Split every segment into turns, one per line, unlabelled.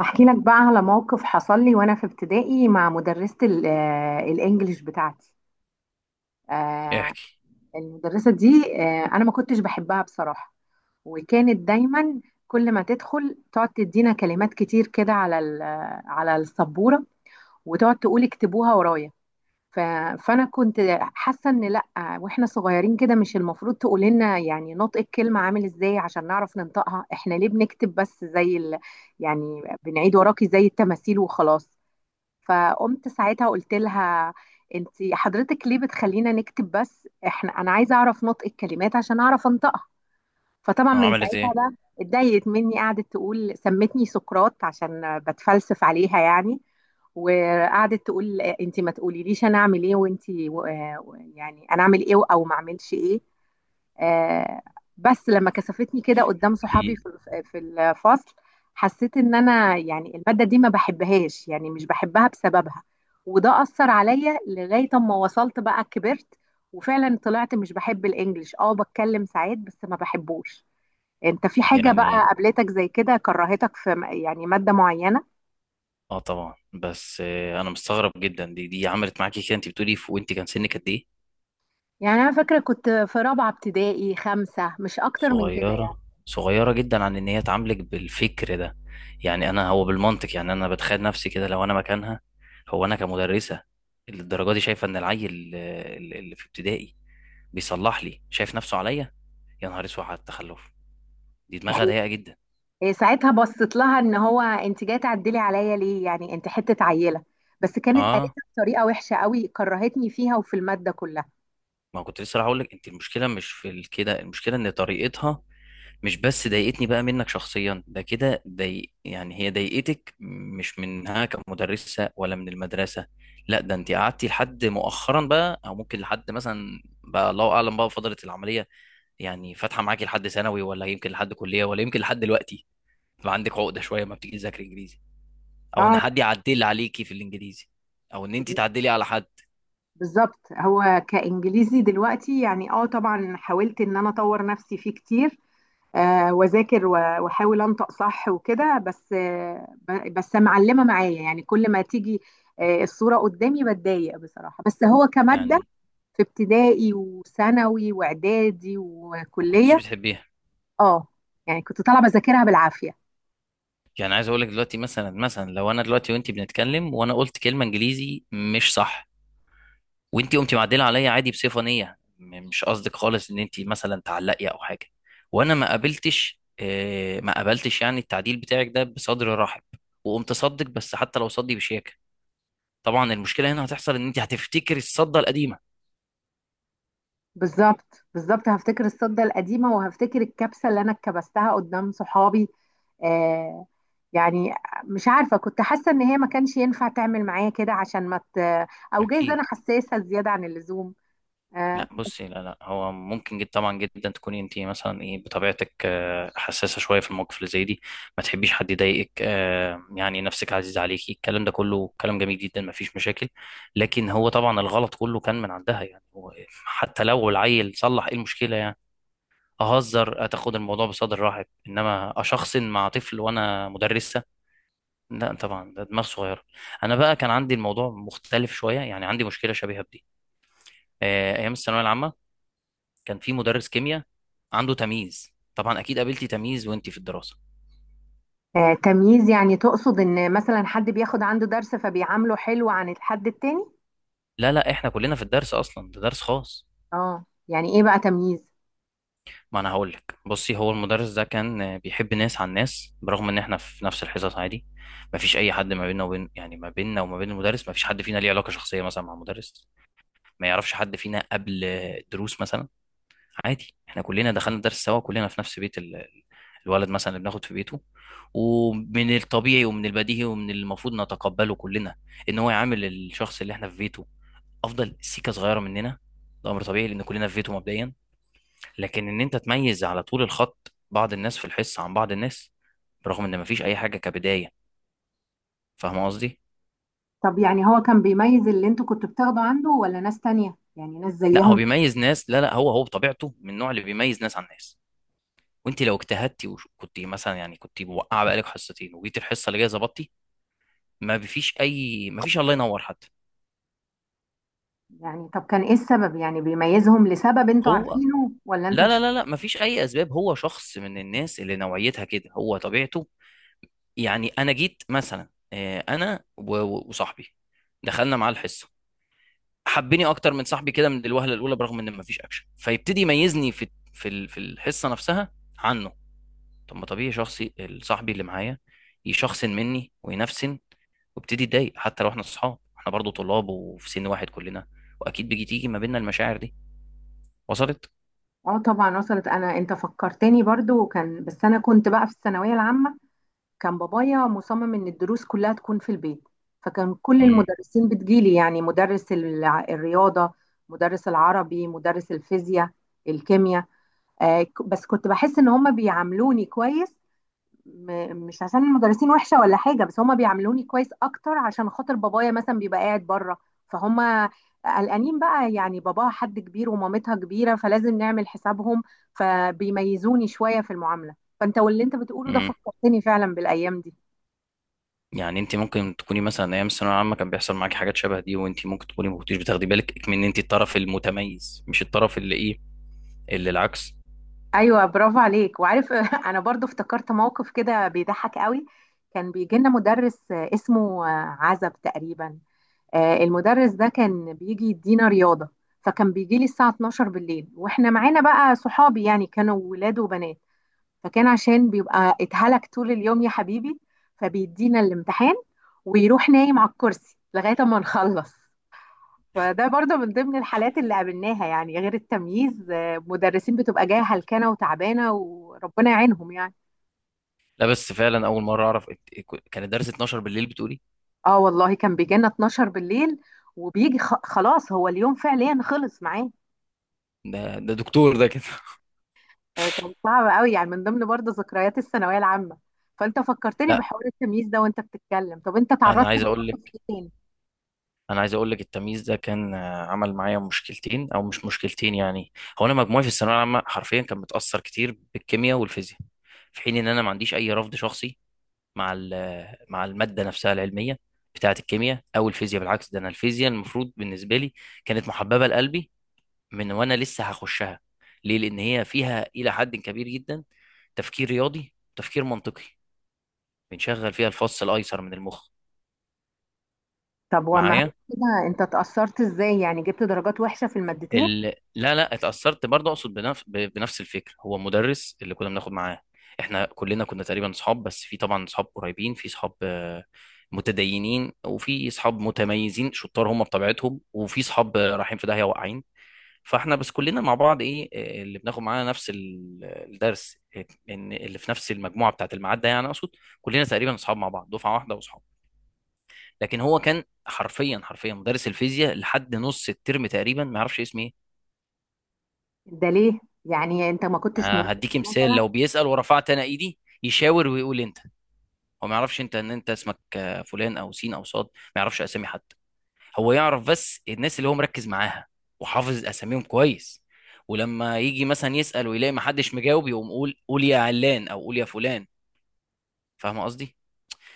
احكي لك بقى على موقف حصل لي وانا في ابتدائي مع مدرسة الانجليش بتاعتي.
إيه
آه،
احكي.
المدرسة دي، انا ما كنتش بحبها بصراحة، وكانت دايما كل ما تدخل تقعد تدينا كلمات كتير كده على على السبورة، وتقعد تقول اكتبوها ورايا. ف- فانا كنت حاسة ان لا، واحنا صغيرين كده مش المفروض تقول لنا يعني نطق الكلمة عامل ازاي عشان نعرف ننطقها، احنا ليه بنكتب بس زي ال... يعني بنعيد وراكي زي التماثيل وخلاص. فقمت ساعتها قلت لها: انت حضرتك ليه بتخلينا نكتب بس، احنا انا عايزه اعرف نطق الكلمات عشان اعرف انطقها. فطبعا من
عملت
ساعتها
ايه
بقى اتضايقت مني، قعدت تقول سمتني سقراط عشان بتفلسف عليها يعني. وقعدت تقول انت ما تقوليليش انا اعمل ايه، يعني انا اعمل ايه او ما اعملش ايه. آه، بس لما كثفتني كده قدام
دي؟
صحابي في في الفصل، حسيت ان انا يعني المادة دي ما بحبهاش، يعني مش بحبها بسببها. وده أثر عليا لغاية اما وصلت بقى كبرت، وفعلا طلعت مش بحب الانجليش، اه بتكلم ساعات بس ما بحبوش. انت في حاجة بقى
يعني
قابلتك زي كده كرهتك في يعني مادة معينة؟
اه طبعا بس آه، انا مستغرب جدا دي عملت معاكي كده. انت بتقولي وانت كان سنك قد ايه؟
يعني انا فاكرة كنت في رابعة ابتدائي خمسة، مش اكتر من كده يعني.
صغيره، صغيره جدا عن ان هي تعاملك بالفكر ده. انا هو بالمنطق، يعني انا بتخيل نفسي كده لو انا مكانها. هو انا كمدرسه اللي الدرجه دي شايفه ان العيل اللي في ابتدائي بيصلح لي شايف نفسه عليا؟ يا نهار اسود على التخلف، دي دماغها ضيقه جدا.
إيه، ساعتها بصيت لها ان هو انت جايه تعدلي عليا ليه يعني، انت حته عيله. بس كانت قالتها
اه،
بطريقه وحشه قوي، كرهتني فيها وفي الماده كلها.
ما كنت لسه هقول لك، انت المشكله مش في كده، المشكله ان طريقتها مش بس ضايقتني بقى منك شخصيا، ده كده ضايق، يعني هي ضايقتك مش منها كمدرسة ولا من المدرسة. لا، ده انت قعدتي لحد مؤخرا بقى، او ممكن لحد مثلا بقى الله اعلم، بقى فضلت العملية يعني فاتحة معاكي لحد ثانوي، ولا يمكن لحد كلية، ولا يمكن لحد دلوقتي. بقى عندك عقدة شوية ما بتيجي تذاكري انجليزي، او ان
اه.
حد يعدل عليكي في الانجليزي، او ان انت تعدلي على حد.
بالظبط، هو كانجليزي دلوقتي يعني اه طبعا حاولت ان انا اطور نفسي فيه كتير، واذاكر واحاول انطق صح وكده، بس بس معلمه معايا يعني، كل ما تيجي الصوره قدامي بتضايق بصراحه. بس هو كماده
يعني
في ابتدائي وثانوي واعدادي
ما كنتش
وكليه.
بتحبيها.
اه، يعني كنت طالعه بذاكرها بالعافيه.
يعني عايز اقول لك دلوقتي، مثلا مثلا لو انا دلوقتي وانت بنتكلم وانا قلت كلمة انجليزي مش صح، وانتي قمتي معدله عليا عادي بصفه نيه، مش قصدك خالص ان انتي مثلا تعلقي او حاجه، وانا ما قابلتش ما قابلتش يعني التعديل بتاعك ده بصدر رحب، وقمت صدك، بس حتى لو صدي بشياكه، طبعا المشكله هنا هتحصل ان انتي هتفتكري الصده القديمه.
بالظبط بالظبط، هفتكر الصدة القديمة وهفتكر الكبسة اللي أنا اتكبستها قدام صحابي. آه يعني مش عارفة، كنت حاسة إن هي ما كانش ينفع تعمل معايا كده عشان ما ت... أو جايز
اكيد.
أنا حساسة زيادة عن اللزوم. آه
لا
بس
بصي، لا هو ممكن جدا، طبعا جدا تكوني انت مثلا ايه بطبيعتك حساسه شويه في المواقف اللي زي دي، ما تحبيش حد يضايقك، يعني نفسك عزيز عليكي، الكلام ده كله كلام جميل جدا، ما فيش مشاكل. لكن هو طبعا الغلط كله كان من عندها. يعني هو حتى لو العيل صلح، ايه المشكله يعني؟ اهزر، اتاخد الموضوع بصدر رحب، انما اشخصن مع طفل وانا مدرسه؟ لا طبعا، ده دماغ صغيره. انا بقى كان عندي الموضوع مختلف شويه، يعني عندي مشكله شبيهه بدي ايام الثانويه العامه. كان في مدرس كيمياء عنده تمييز. طبعا اكيد قابلتي تمييز وانتي في الدراسه.
آه، تمييز يعني تقصد إن مثلا حد بياخد عنده درس فبيعامله حلو عن الحد التاني؟
لا لا، احنا كلنا في الدرس، اصلا ده درس خاص.
اه، يعني إيه بقى تمييز؟
ما انا هقول لك، بصي، هو المدرس ده كان بيحب ناس عن ناس، برغم ان احنا في نفس الحصص عادي، ما فيش اي حد ما بيننا وبين يعني ما بيننا وما بين المدرس، ما فيش حد فينا ليه علاقه شخصيه مثلا مع المدرس، ما يعرفش حد فينا قبل دروس مثلا. عادي، احنا كلنا دخلنا درس سوا، كلنا في نفس بيت الولد مثلا اللي بناخد في بيته. ومن الطبيعي ومن البديهي ومن المفروض نتقبله كلنا ان هو يعامل الشخص اللي احنا في بيته افضل سيكه صغيره مننا، ده امر طبيعي لان كلنا في بيته مبدئيا. لكن ان انت تميز على طول الخط بعض الناس في الحصه عن بعض الناس، برغم ان مفيش اي حاجه كبدايه، فاهم قصدي؟
طب يعني هو كان بيميز اللي انتوا كنتوا بتاخدوا عنده، ولا ناس تانية يعني ناس
لا هو
زيهم؟
بيميز ناس، لا، هو بطبيعته من النوع اللي بيميز ناس عن ناس. وانت لو اجتهدتي وكنت مثلا يعني كنت موقعه بقالك حصتين وجيت الحصه اللي جايه ظبطتي، ما فيش اي، ما فيش الله ينور حتى.
يعني طب كان ايه السبب، يعني بيميزهم لسبب انتوا
هو
عارفينه ولا انتوا
لا
مش.
لا لا لا ما فيش اي اسباب، هو شخص من الناس اللي نوعيتها كده، هو طبيعته. يعني انا جيت مثلا، وصاحبي دخلنا معاه الحصه، حبني اكتر من صاحبي كده من الوهله الاولى برغم ان ما فيش اكشن، فيبتدي يميزني في الحصه نفسها عنه. طب ما طبيعي شخصي صاحبي اللي معايا يشخصن مني وينفسن، وابتدي اتضايق، حتى لو احنا اصحاب، احنا برضو طلاب وفي سن واحد كلنا، واكيد تيجي ما بيننا المشاعر دي. وصلت؟
اه طبعا، وصلت. انا انت فكرتني برضو، وكان بس انا كنت بقى في الثانويه العامه، كان بابايا مصمم ان الدروس كلها تكون في البيت، فكان كل المدرسين بتجيلي، يعني مدرس الرياضه، مدرس العربي، مدرس الفيزياء، الكيمياء. بس كنت بحس ان هم بيعاملوني كويس، مش عشان المدرسين وحشة ولا حاجة، بس هما بيعاملوني كويس أكتر عشان خاطر بابايا مثلا بيبقى قاعد بره، فهم قلقانين بقى، يعني باباها حد كبير ومامتها كبيرة فلازم نعمل حسابهم، فبيميزوني شوية في المعاملة. فأنت واللي أنت بتقوله ده
امم
فكرتني فعلا بالأيام دي.
يعني انت ممكن تكوني مثلا ايام الثانويه العامه كان بيحصل معاكي حاجات شبه دي، وانت ممكن تكوني ما كنتيش بتاخدي بالك من ان انت الطرف المتميز مش الطرف اللي ايه، اللي العكس.
أيوة، برافو عليك وعارف. أنا برضو افتكرت موقف كده بيضحك قوي. كان بيجي لنا مدرس اسمه عزب تقريبا. المدرس ده كان بيجي يدينا رياضة، فكان بيجي لي الساعة 12 بالليل، واحنا معانا بقى صحابي يعني كانوا ولاد وبنات. فكان عشان بيبقى اتهلك طول اليوم يا حبيبي، فبيدينا الامتحان ويروح نايم على الكرسي لغاية ما نخلص. فده برضه من ضمن الحالات اللي قابلناها، يعني غير التمييز، مدرسين بتبقى جاية هلكانة وتعبانة وربنا يعينهم يعني.
لا بس فعلا اول مره اعرف كان الدرس 12 بالليل بتقولي؟
اه والله، كان بيجي لنا 12 بالليل، وبيجي خلاص هو اليوم فعليا خلص معاه.
ده دكتور ده كده.
كان صعب قوي يعني، من ضمن برضه ذكريات الثانويه العامه. فانت فكرتني
لا،
بحوار التمييز ده وانت بتتكلم، طب انت
انا
تعرضت
عايز اقول
لمواقف
لك،
ايه تاني؟
انا عايز اقول لك التمييز ده كان عمل معايا مشكلتين، او مش مشكلتين يعني. هو انا مجموعي في الثانويه العامه حرفيا كان متاثر كتير بالكيمياء والفيزياء، في حين ان انا ما عنديش اي رفض شخصي مع مع الماده نفسها العلميه بتاعه الكيمياء او الفيزياء. بالعكس، ده انا الفيزياء المفروض بالنسبه لي كانت محببه لقلبي من وانا لسه هخشها. ليه؟ لان هي فيها الى حد كبير جدا تفكير رياضي، تفكير منطقي، بنشغل فيها الفص الايسر من المخ.
طب وما هي
معايا؟
كده انت اتأثرت ازاي، يعني جبت درجات وحشه في المادتين؟
لا لا، اتأثرت برضه، اقصد بنفس الفكرة. هو مدرس اللي كنا بناخد معاه، احنا كلنا كنا تقريبا صحاب، بس في طبعا صحاب قريبين، في صحاب متدينين، وفي صحاب متميزين شطار هم بطبيعتهم، وفي صحاب رايحين في داهية واقعين. فاحنا بس كلنا مع بعض ايه، اللي بناخد معانا نفس الدرس، ان اللي في نفس المجموعة بتاعة الميعاد ده يعني، اقصد كلنا تقريبا صحاب مع بعض دفعة واحدة وصحاب. لكن هو كان حرفيا مدرس الفيزياء لحد نص الترم تقريبا ما يعرفش اسمي ايه.
ده ليه؟ يعني انت ما كنتش مميز
هديكي مثال،
مثلا؟
لو بيسأل ورفعت انا ايدي يشاور ويقول انت. هو ما يعرفش انت، ان انت اسمك فلان او سين او صاد، ما يعرفش اسامي حد، هو يعرف بس الناس اللي هو مركز معاها وحافظ اساميهم كويس. ولما يجي مثلا يسأل ويلاقي ما حدش مجاوب، يقوم قول يا علان او قول يا فلان، فاهم قصدي؟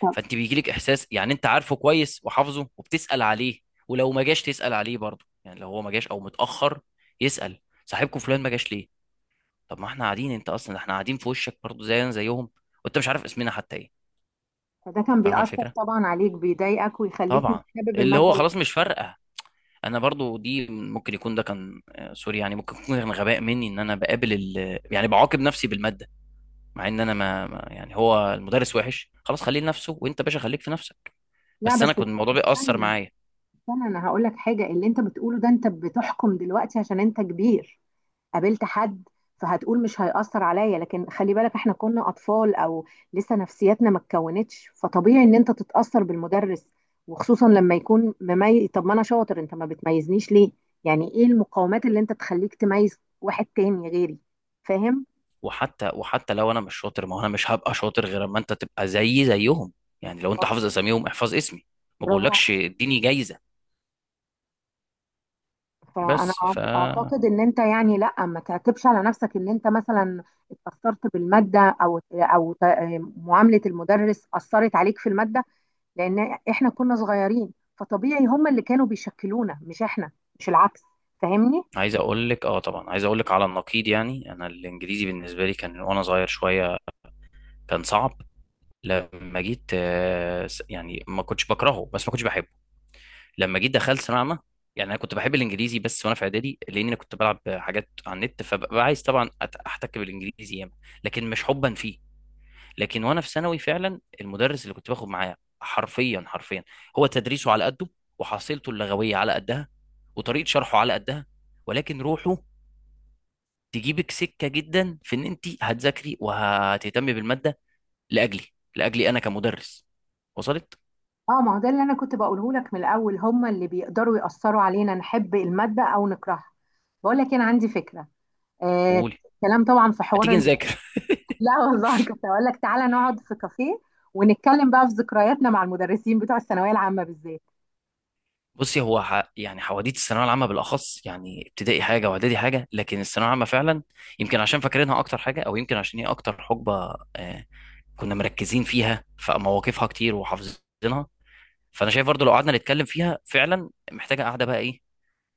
طب
فانت بيجيلك احساس يعني انت عارفه كويس وحافظه وبتسأل عليه. ولو ما جاش تسأل عليه برضه، يعني لو هو ما جاش او متأخر، يسأل صاحبكم فلان ما جاش ليه. طب ما احنا قاعدين، انت اصلا احنا قاعدين في وشك برضه زينا زيهم، وانت مش عارف اسمنا حتى ايه.
فده كان
فاهمه
بيأثر
الفكره؟
طبعا عليك، بيضايقك ويخليك مش
طبعا،
حابب
اللي
الماده
هو
اللي...
خلاص مش فارقه. انا برضه دي ممكن يكون ده كان سوري يعني، ممكن يكون كان غباء مني ان انا بقابل يعني بعاقب نفسي بالماده، مع ان انا يعني هو المدرس وحش خلاص، خليه لنفسه وانت باشا خليك في نفسك.
لا
بس
بس
انا كنت الموضوع بيأثر
استنى،
معايا.
استنى انا هقول لك حاجه. اللي انت بتقوله ده انت بتحكم دلوقتي عشان انت كبير، قابلت حد فهتقول مش هيأثر عليا. لكن خلي بالك احنا كنا أطفال، أو لسه نفسياتنا ما اتكونتش، فطبيعي إن أنت تتأثر بالمدرس، وخصوصا لما يكون مميز. طب ما أنا شاطر أنت ما بتميزنيش ليه؟ يعني إيه المقاومات اللي أنت تخليك تميز واحد تاني غيري؟ فاهم؟
وحتى لو انا مش شاطر، ما هو انا مش هبقى شاطر غير اما انت تبقى زيي زيهم. يعني لو انت حافظ اساميهم احفظ اسمي، ما
برافو
بقولكش
عليك.
اديني جايزه.
فانا
بس ف
اعتقد ان انت يعني لا ما تعتبش على نفسك ان انت مثلا اتاثرت بالماده، او معامله المدرس اثرت عليك في الماده، لان احنا كنا صغيرين، فطبيعي هم اللي كانوا بيشكلونا مش احنا، مش العكس. فاهمني؟
عايز اقول لك اه طبعا، عايز اقول لك على النقيض، يعني انا الانجليزي بالنسبه لي كان وانا صغير شويه كان صعب. لما جيت يعني ما كنتش بكرهه بس ما كنتش بحبه. لما جيت دخلت ثانويه عامه، يعني انا كنت بحب الانجليزي بس وانا في اعدادي لان انا كنت بلعب حاجات على النت، فببقى عايز طبعا احتك بالانجليزي ياما، لكن مش حبا فيه. لكن وانا في ثانوي فعلا المدرس اللي كنت باخد معاه حرفيا، هو تدريسه على قده، وحصيلته اللغويه على قدها، وطريقه شرحه على قدها، ولكن روحه تجيبك سكه جدا في ان انت هتذاكري وهتهتمي بالماده لاجلي، لاجلي انا كمدرس. وصلت؟
اه، ما هو ده اللي انا كنت بقوله لك من الاول، هم اللي بيقدروا يأثروا علينا نحب المادة او نكرهها. بقول لك انا عندي فكرة. آه،
قولي.
كلام طبعا في حوار
هتيجي
ال...
نذاكر؟
لا والله، كنت اقول لك تعالى نقعد في كافيه ونتكلم بقى في ذكرياتنا مع المدرسين بتوع الثانوية العامة بالذات.
بصي، هو يعني حواديت الثانويه العامه بالاخص، يعني ابتدائي حاجه واعدادي حاجه، لكن الثانويه العامه فعلا، يمكن عشان فاكرينها اكتر حاجه، او يمكن عشان هي اكتر حقبه آه كنا مركزين فيها، فمواقفها كتير وحافظينها. فانا شايف برضو لو قعدنا نتكلم فيها فعلا محتاجه قاعده بقى ايه،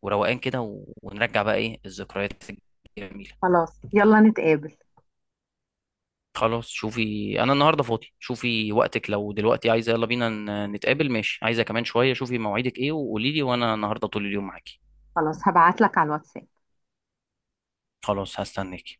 وروقان كده ونرجع بقى ايه الذكريات الجميله.
خلاص يلا نتقابل.
خلاص، شوفي انا النهارده فاضي، شوفي وقتك لو دلوقتي عايزه يلا بينا نتقابل، ماشي عايزه كمان شويه، شوفي مواعيدك ايه وقولي لي، وانا النهارده طول اليوم معاكي.
خلاص هبعت لك على الواتساب.
خلاص هستناكي.